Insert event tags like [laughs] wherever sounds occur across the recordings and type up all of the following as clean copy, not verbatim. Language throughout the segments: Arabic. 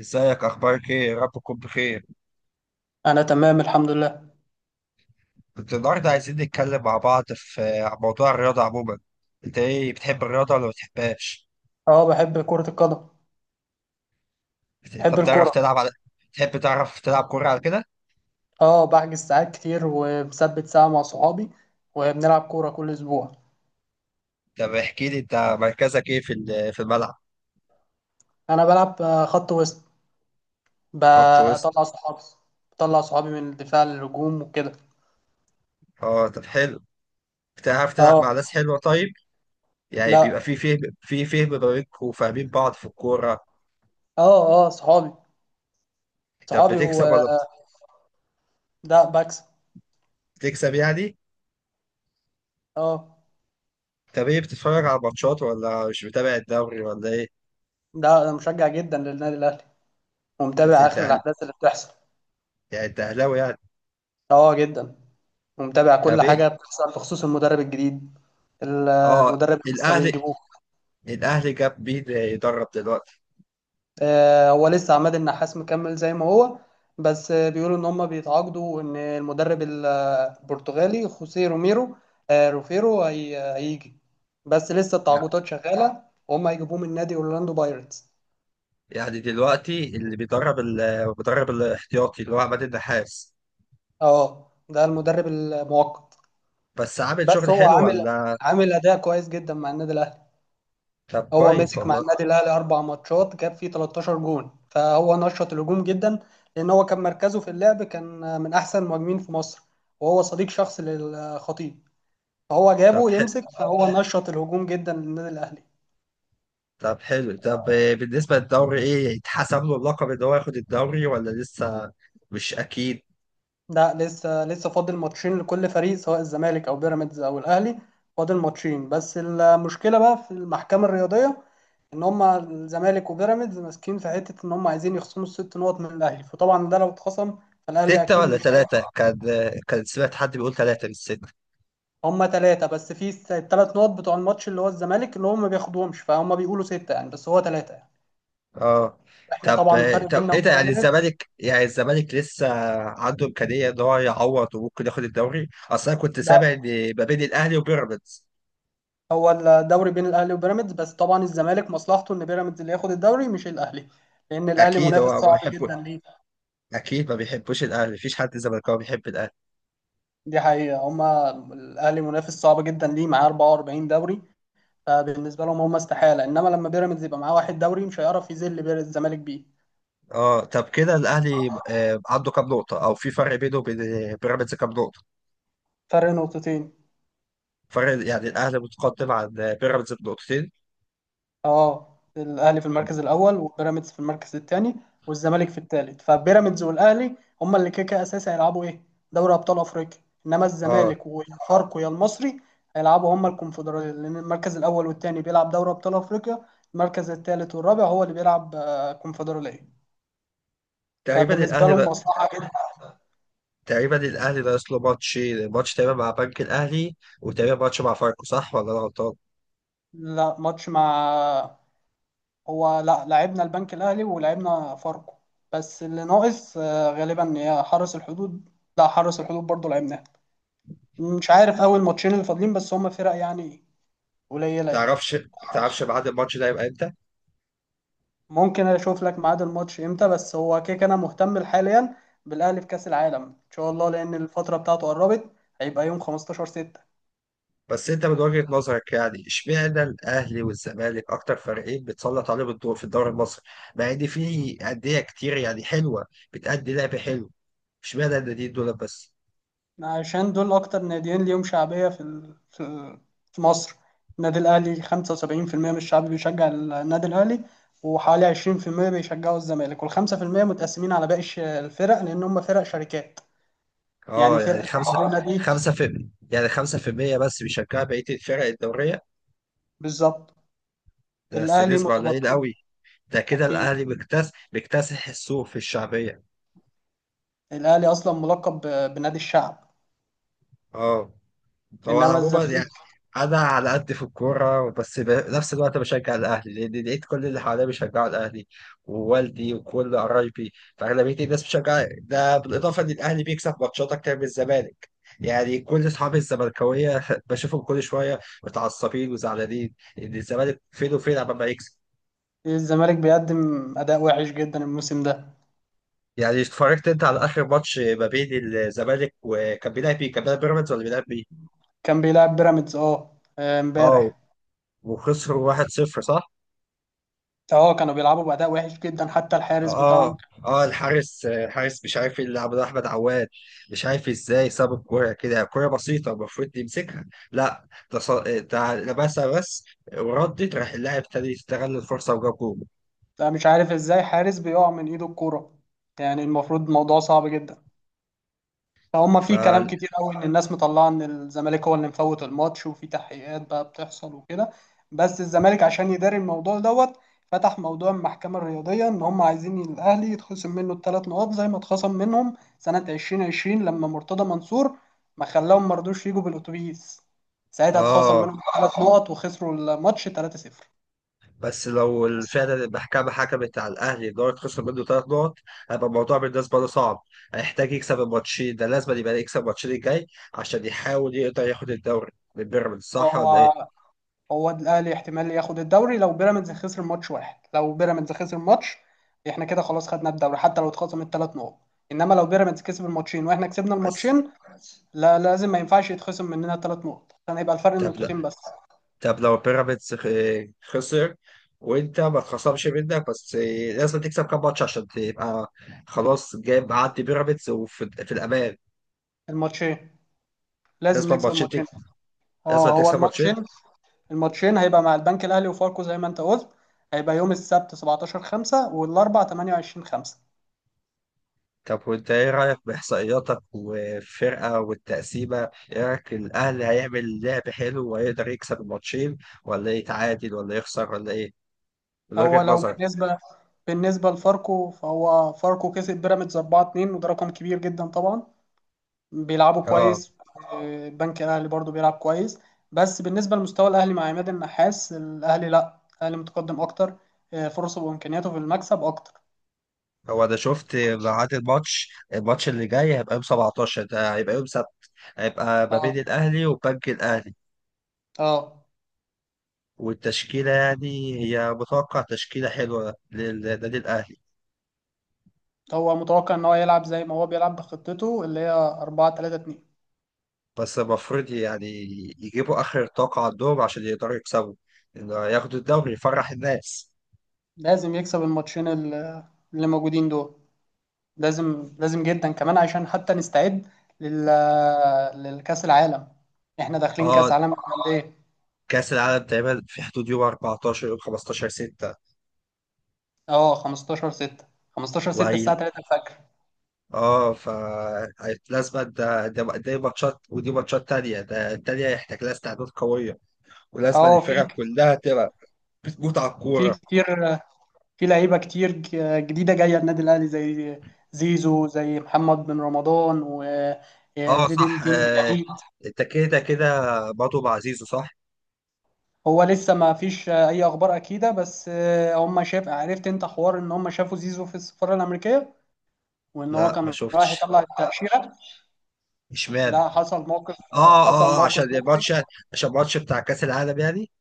ازيك، اخبارك ايه؟ يا رب تكون بخير. انا تمام، الحمد لله. كنت النهارده عايزين نتكلم مع بعض عن موضوع الرياضه عموما. انت ايه، بتحب الرياضه ولا ما بتحبهاش؟ اه بحب كرة القدم. انت بحب بتعرف الكرة. تلعب على؟ تحب تعرف تلعب كوره على كده؟ اه بحجز ساعات كتير ومثبت ساعة مع صحابي وبنلعب كورة كل اسبوع. طب احكي لي، انت مركزك ايه في الملعب؟ انا بلعب خط وسط. خط وسط. بطلع صحابي. بطلع صحابي من الدفاع للهجوم وكده. اه، طب حلو. بتعرف تلعب اه، مع ناس حلوه طيب؟ يعني بيبقى لا، في فهم ما بينكم وفاهمين بعض في الكوره. اه اه صحابي، طب صحابي بتكسب ولا؟ ده بكسب. بتكسب يعني. اه، طب ايه، بتتفرج على ماتشات ولا مش متابع الدوري ولا ايه؟ ده انا مشجع جدا للنادي الاهلي انت بت- ومتابع انت اخر أهل- الاحداث اللي بتحصل. يعني انت اهلاوي يعني. اه جدا، ومتابع طب كل حاجة ايه. بتحصل بخصوص المدرب الجديد. اه. المدرب اللي لسه الاهلي. بيجيبوه. الاهلي جاب بيه يدرب دلوقتي. هو لسه عماد النحاس مكمل زي ما هو. بس بيقولوا ان هم بيتعاقدوا، وان المدرب البرتغالي خوسيه روميرو. روفيرو هيجي. بس لسه يعني التعاقدات شغاله وهم هيجيبوه من نادي اورلاندو بايرتس. يعني دلوقتي اللي بيدرب الاحتياطي اللي هو عماد النحاس. اه، ده المدرب المؤقت. بس عامل بس شغل هو حلو عامل ولا؟ عامل اداء كويس جدا مع النادي الاهلي. طب هو كويس مسك مع والله. النادي الاهلي اربع ماتشات جاب فيه 13 جون، فهو نشط الهجوم جدا لان هو كان مركزه في اللعب كان من احسن المهاجمين في مصر، وهو صديق شخصي للخطيب، فهو طب جابه حلو، يمسك فهو نشط الهجوم جدا للنادي الاهلي. طب حلو، طب بالنسبة للدوري ايه اتحسب له اللقب ان هو ياخد الدوري ولا لسه؟ مش اكيد. ده لسه فاضل ماتشين لكل فريق سواء الزمالك او بيراميدز او الاهلي، فاضل ماتشين. بس المشكله بقى في المحكمه الرياضيه ان هم الزمالك وبيراميدز ماسكين في حته ان هم عايزين يخصموا الست نقط من الاهلي، فطبعا ده لو اتخصم فالاهلي ستة اكيد ولا مش. ثلاثة كان سمعت حد بيقول ثلاثة مش ستة. هم ثلاثة بس في الثلاث نقط بتوع الماتش اللي هو الزمالك اللي هم ما بياخدوهمش، فهم بيقولوا ستة يعني، بس هو ثلاثة يعني. اه. احنا طب طبعا الفرق طب بيننا ايه ده؟ يعني وبيراميدز. الزمالك يعني الزمالك لسه عنده امكانيه ان هو يعوض وممكن ياخد الدوري؟ اصل انا كنت لا، سامع ان ما بين الاهلي وبيراميدز. هو الدوري بين الاهلي وبيراميدز بس، طبعا الزمالك مصلحته ان بيراميدز اللي ياخد الدوري مش الاهلي لان الاهلي اكيد منافس هو ما صعب بيحبه، جدا ليه. اكيد ما بيحبوش الاهلي، مفيش حد زملكاوي بيحب الاهلي. دي حقيقة. هم الاهلي منافس صعب جدا ليه، معاه 44 دوري. فبالنسبة لهم، هم استحالة، انما لما بيراميدز يبقى معاه واحد دوري مش هيعرف يذل الزمالك بيه. اه، طب كده الاهلي عنده كام نقطه، او في فرق بينه وبين بيراميدز كام نقطه؟ فرق نقطتين. فرق يعني، الاهلي متقدم عن بيراميدز بنقطتين؟ اه، الاهلي في المركز الاول وبيراميدز في المركز الثاني والزمالك في الثالث. فبيراميدز والاهلي هما اللي كده كده اساسي هيلعبوا ايه؟ دوري ابطال افريقيا. انما اه، الزمالك ويا فاركو يا المصري هيلعبوا هما الكونفدراليه، لان المركز الاول والثاني بيلعب دوري ابطال افريقيا، المركز الثالث والرابع هو اللي بيلعب كونفدراليه. تقريبا فبالنسبه الاهلي لهم ده، مصلحه جدا. تقريبا الاهلي ناقص له ماتش، ماتش تقريبا مع بنك الاهلي، وتقريبا ماتش مع فاركو، صح ولا انا غلطان؟ لا، ماتش مع. هو لا، لعبنا البنك الاهلي ولعبنا فاركو. بس اللي ناقص غالبا هي حرس الحدود. لا، حرس الحدود برضه لعبناه. مش عارف اول ماتشين اللي فاضلين، بس هما فرق يعني ما قليله يعني. تعرفش ما تعرفش بعد الماتش ده يبقى امتى؟ ممكن اشوف لك ميعاد الماتش امتى، بس هو كيك انا مهتم حاليا بالاهلي في كاس العالم ان شاء الله لان الفتره بتاعته قربت، هيبقى يوم 15 6. بس انت من وجهة نظرك يعني، اشمعنى الاهلي والزمالك اكتر فريقين بتسلط عليهم الضوء في الدوري المصري، مع ان في انديه كتير يعني حلوه بتأدي لعب حلو؟ اشمعنى الناديين دول بس؟ عشان دول اكتر ناديين ليهم شعبيه في في مصر. النادي الاهلي 75% من الشعب بيشجع النادي الاهلي، وحوالي 20% بيشجعوا الزمالك، وال 5% متقسمين على باقي الفرق لان هم فرق شركات، يعني اه يعني فرقه زي خمسة، الجونه دي. خمسة في يعني خمسة في المية بس بيشجعوا بقية الفرق الدورية؟ بالظبط. ده بس الاهلي نسبة قليلة متبقي. قوي. ده كده اكيد. الاهلي بيكتسح بيكتسح السوق في الشعبية. الاهلي اصلا ملقب بنادي الشعب. اه. هو انا انما عموما الزمالك. يعني انا على قد في الكوره، بس بنفس الوقت بشجع الاهلي لان لقيت كل اللي حواليا بيشجعوا الاهلي ووالدي وكل قرايبي، فاغلبيه الناس بتشجع ده، بالاضافه ان الاهلي بيكسب ماتشات اكتر من الزمالك. يعني كل اصحابي الزملكاويه [laughs] بشوفهم كل شويه متعصبين وزعلانين ان الزمالك فين وفين عمال ما يكسب. الزمالك بيقدم اداء وحش جدا الموسم ده. يعني اتفرجت انت على اخر ماتش ما بين الزمالك، وكان بيلعب مين؟ كان بيلعب بيراميدز ولا بيلعب مين؟ كان بيلعب بيراميدز اه، امبارح. وخسروا 1-0 صح؟ اه، كانوا بيلعبوا باداء وحش جدا، حتى الحارس اه، بتاعهم. اه، الحارس الحارس مش عارف يلعب، ده احمد عواد. مش عارف ازاي ساب الكوره كده، كوره بسيطه المفروض يمسكها. لا، ده لبسها بس، وردت راح اللاعب ابتدى يستغل الفرصه وجاب جول. ده مش عارف ازاي حارس بيقع من ايده الكوره، يعني المفروض موضوع صعب جدا. فهم ف، في كلام كتير قوي ان الناس مطلعه ان الزمالك هو اللي مفوت الماتش، وفي تحقيقات بقى بتحصل وكده. بس الزمالك عشان يداري الموضوع دوت فتح موضوع المحكمه الرياضيه ان هم عايزين الاهلي يتخصم منه الثلاث نقاط زي ما اتخصم منهم سنه 2020 لما مرتضى منصور ما خلاهم، ما رضوش يجوا بالاتوبيس، ساعتها اتخصم اه، منهم ثلاث نقط وخسروا الماتش 3-0. بس لو فعلا المحكمه حكمت على الاهلي ان هو يتخسر منه ثلاث نقط، هيبقى الموضوع بالنسبه له صعب. هيحتاج يكسب الماتشين، ده لازم يبقى يكسب الماتشين الجاي عشان يحاول يقدر ياخد الدوري من بيراميدز، صح ولا هو ايه؟ هو الاهلي احتمال ياخد الدوري لو بيراميدز خسر ماتش واحد. لو بيراميدز خسر ماتش، احنا كده خلاص خدنا الدوري حتى لو اتخصم الثلاث نقط. انما لو بيراميدز كسب الماتشين واحنا كسبنا بس. الماتشين، لا لازم، ما ينفعش يتخصم مننا ثلاث نقط عشان هيبقى الفرق طب نقطتين بس. طب لو بيراميدز خسر وانت ما اتخصمش منك، بس لازم تكسب كام ماتش عشان تبقى خلاص جايب عدي بيراميدز وفي في الامان؟ الماتشين، لازم لازم نكسب ماتشين، الماتشين. لازم اه، هو تكسب ماتشين. الماتشين هيبقى مع البنك الاهلي وفاركو زي ما انت قلت، هيبقى يوم السبت 17 5 والاربع 28 5. طب وانت ايه رايك باحصائياتك والفرقه والتقسيمه؟ ايه رايك، الاهلي هيعمل لعب حلو وهيقدر يكسب الماتشين، ولا يتعادل ولا يخسر ولا ايه، من هو وجهه لو نظرك؟ بالنسبه لفاركو، فهو فاركو كسب بيراميدز 4 2 وده رقم كبير جدا طبعا، بيلعبوا اه، كويس. البنك الاهلي برضو بيلعب كويس. بس بالنسبه لمستوى الاهلي مع عماد النحاس الاهلي، لا الاهلي متقدم اكتر. فرصه وامكانياته في المكسب اكتر. هو انا شفت ميعاد الماتش الماتش اللي جاي هيبقى يوم 17، ده هيبقى يوم هيبقى ما اه بين الأهلي وبنك الأهلي. اه، والتشكيلة يعني هي متوقع تشكيلة حلوة للنادي الأهلي؟ هو متوقع ان هو يلعب زي ما هو بيلعب بخطته اللي هي 4 3 2. بس المفروض يعني يجيبوا آخر طاقة عندهم عشان يقدروا يكسبوا، إنه ياخدوا الدوري يفرح الناس. لازم يكسب الماتشين اللي موجودين دول. لازم لازم جدا كمان عشان حتى نستعد لل للكاس العالم. احنا داخلين كاس اه، عالم على قد ايه؟ كأس العالم تقريبا في حدود يوم 14، يوم 15 6. اه 15 6. 15 6 وهي، الساعه 3 الفجر. اه، ف لازم، ده ده دي ماتشات، ودي ماتشات تانية، ده التانية هيحتاج لها استعداد قوية، ولازم اه، في الفرق كلها تبقى بتموت على في الكورة. كتير. في لعيبه كتير جديده جايه النادي الاهلي زي زيزو، زي محمد بن رمضان اه وزيد صح، الدين بالعيد. التكيدة كده، برضه بعزيزه صح؟ هو لسه ما فيش اي اخبار اكيده، بس هم شاف عرفت انت حوار ان هم شافوا زيزو في السفاره الامريكيه وان هو لا، ما كان رايح شفتش. يطلع التاشيره. اشمعنى؟ لا، حصل موقف، اه، حصل اه، عشان موقف مضحك. الماتش، عشان الماتش بتاع كأس العالم يعني.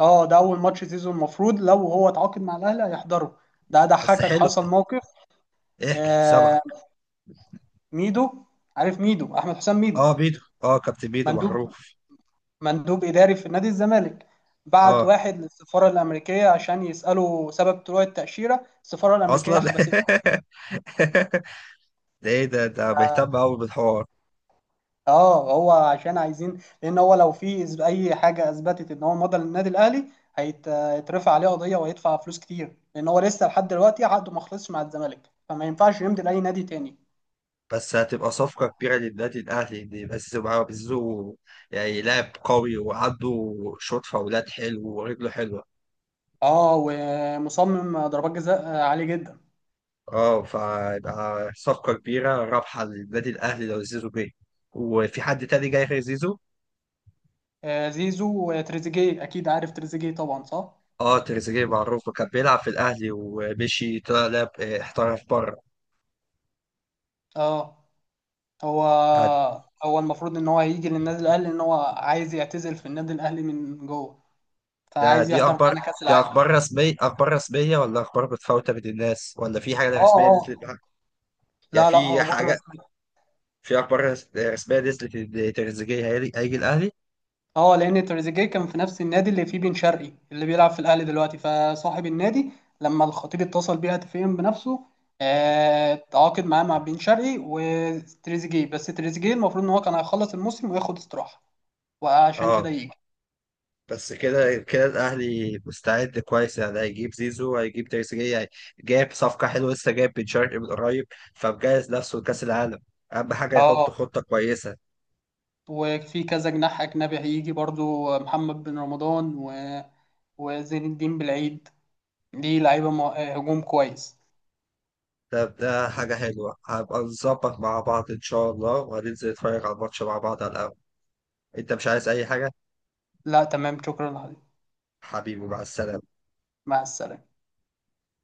اه، ده اول ماتش زيزو المفروض لو هو اتعاقد مع الاهلي هيحضره. ده بس ضحكك، حلو، حصل موقف. احكي سامعك. آه، ميدو، عارف ميدو احمد حسام ميدو، اه، بيدو، اه كابتن بيدو مندوب معروف. مندوب إداري في نادي الزمالك، بعت اه واحد للسفارة الأمريكية عشان يسأله سبب طلوع التأشيرة. السفارة الأمريكية اصلا حبسته. [laughs] ده ايه ده بيهتم قوي بالحوار. اه، هو عشان عايزين، لأن هو لو في أي حاجة أثبتت إن هو مضى للنادي الأهلي هيترفع عليه قضية وهيدفع فلوس كتير، لأن هو لسه لحد دلوقتي عقده ما خلصش مع الزمالك، فما ينفعش يمضي لأي نادي تاني. بس هتبقى صفقة كبيرة للنادي الأهلي إن بس معاه بيزو، يعني لاعب قوي وعنده شوط فاولات حلو ورجله حلوة. اه، ومصمم ضربات جزاء عالية جدا. اه، فيبقى صفقة كبيرة رابحة للنادي الأهلي لو زيزو جه. وفي حد تاني جاي غير زيزو؟ زيزو وتريزيجيه، أكيد عارف تريزيجيه طبعا، صح؟ اه، تريزيجيه معروف، كان بيلعب في الأهلي ومشي طلع لعب، احترف بره. اه، هو آه، هو المفروض ان هو هيجي للنادي الاهلي، ان هو عايز يعتزل في النادي الاهلي من جوه، ده فعايز دي يحضر أخبار، معانا كاس دي العالم. أخبار رسمية؟ أخبار رسمية ولا أخبار متفاوتة بين الناس ولا في حاجة اه رسمية نزلت اه، بقى؟ يعني لا لا، في اخبار حاجة، رسميه. في أخبار رسمية نزلت إن تريزيجيه هيجي هيجي الأهلي؟ اه، لان تريزيجيه كان في نفس النادي اللي فيه بن شرقي اللي بيلعب في الاهلي دلوقتي، فصاحب النادي لما الخطيب اتصل بيه هاتفيا بنفسه تعاقد معاه مع بن شرقي وتريزيجيه، بس تريزيجيه المفروض ان هو كان هيخلص الموسم وياخد استراحه وعشان اه، كده يجي. بس كده كده الاهلي مستعد كويس يعني، هيجيب زيزو، هيجيب تريزيجيه جايب صفقه حلوه، لسه جايب بن شرقي من قريب، فمجهز نفسه لكاس العالم. اهم حاجه يحط اه، خطه كويسه. وفي كذا جناح أجنبي هيجي برضو محمد بن رمضان و... وزين الدين بالعيد. دي لعيبة هجوم كويس. ده حاجه حلوه، هبقى نظبط مع بعض ان شاء الله وهننزل نتفرج على الماتش مع بعض على القهوه. انت مش عايز اي حاجه؟ لا، تمام، شكرا عليك. حبيبي، مع السلامه. مع السلامة.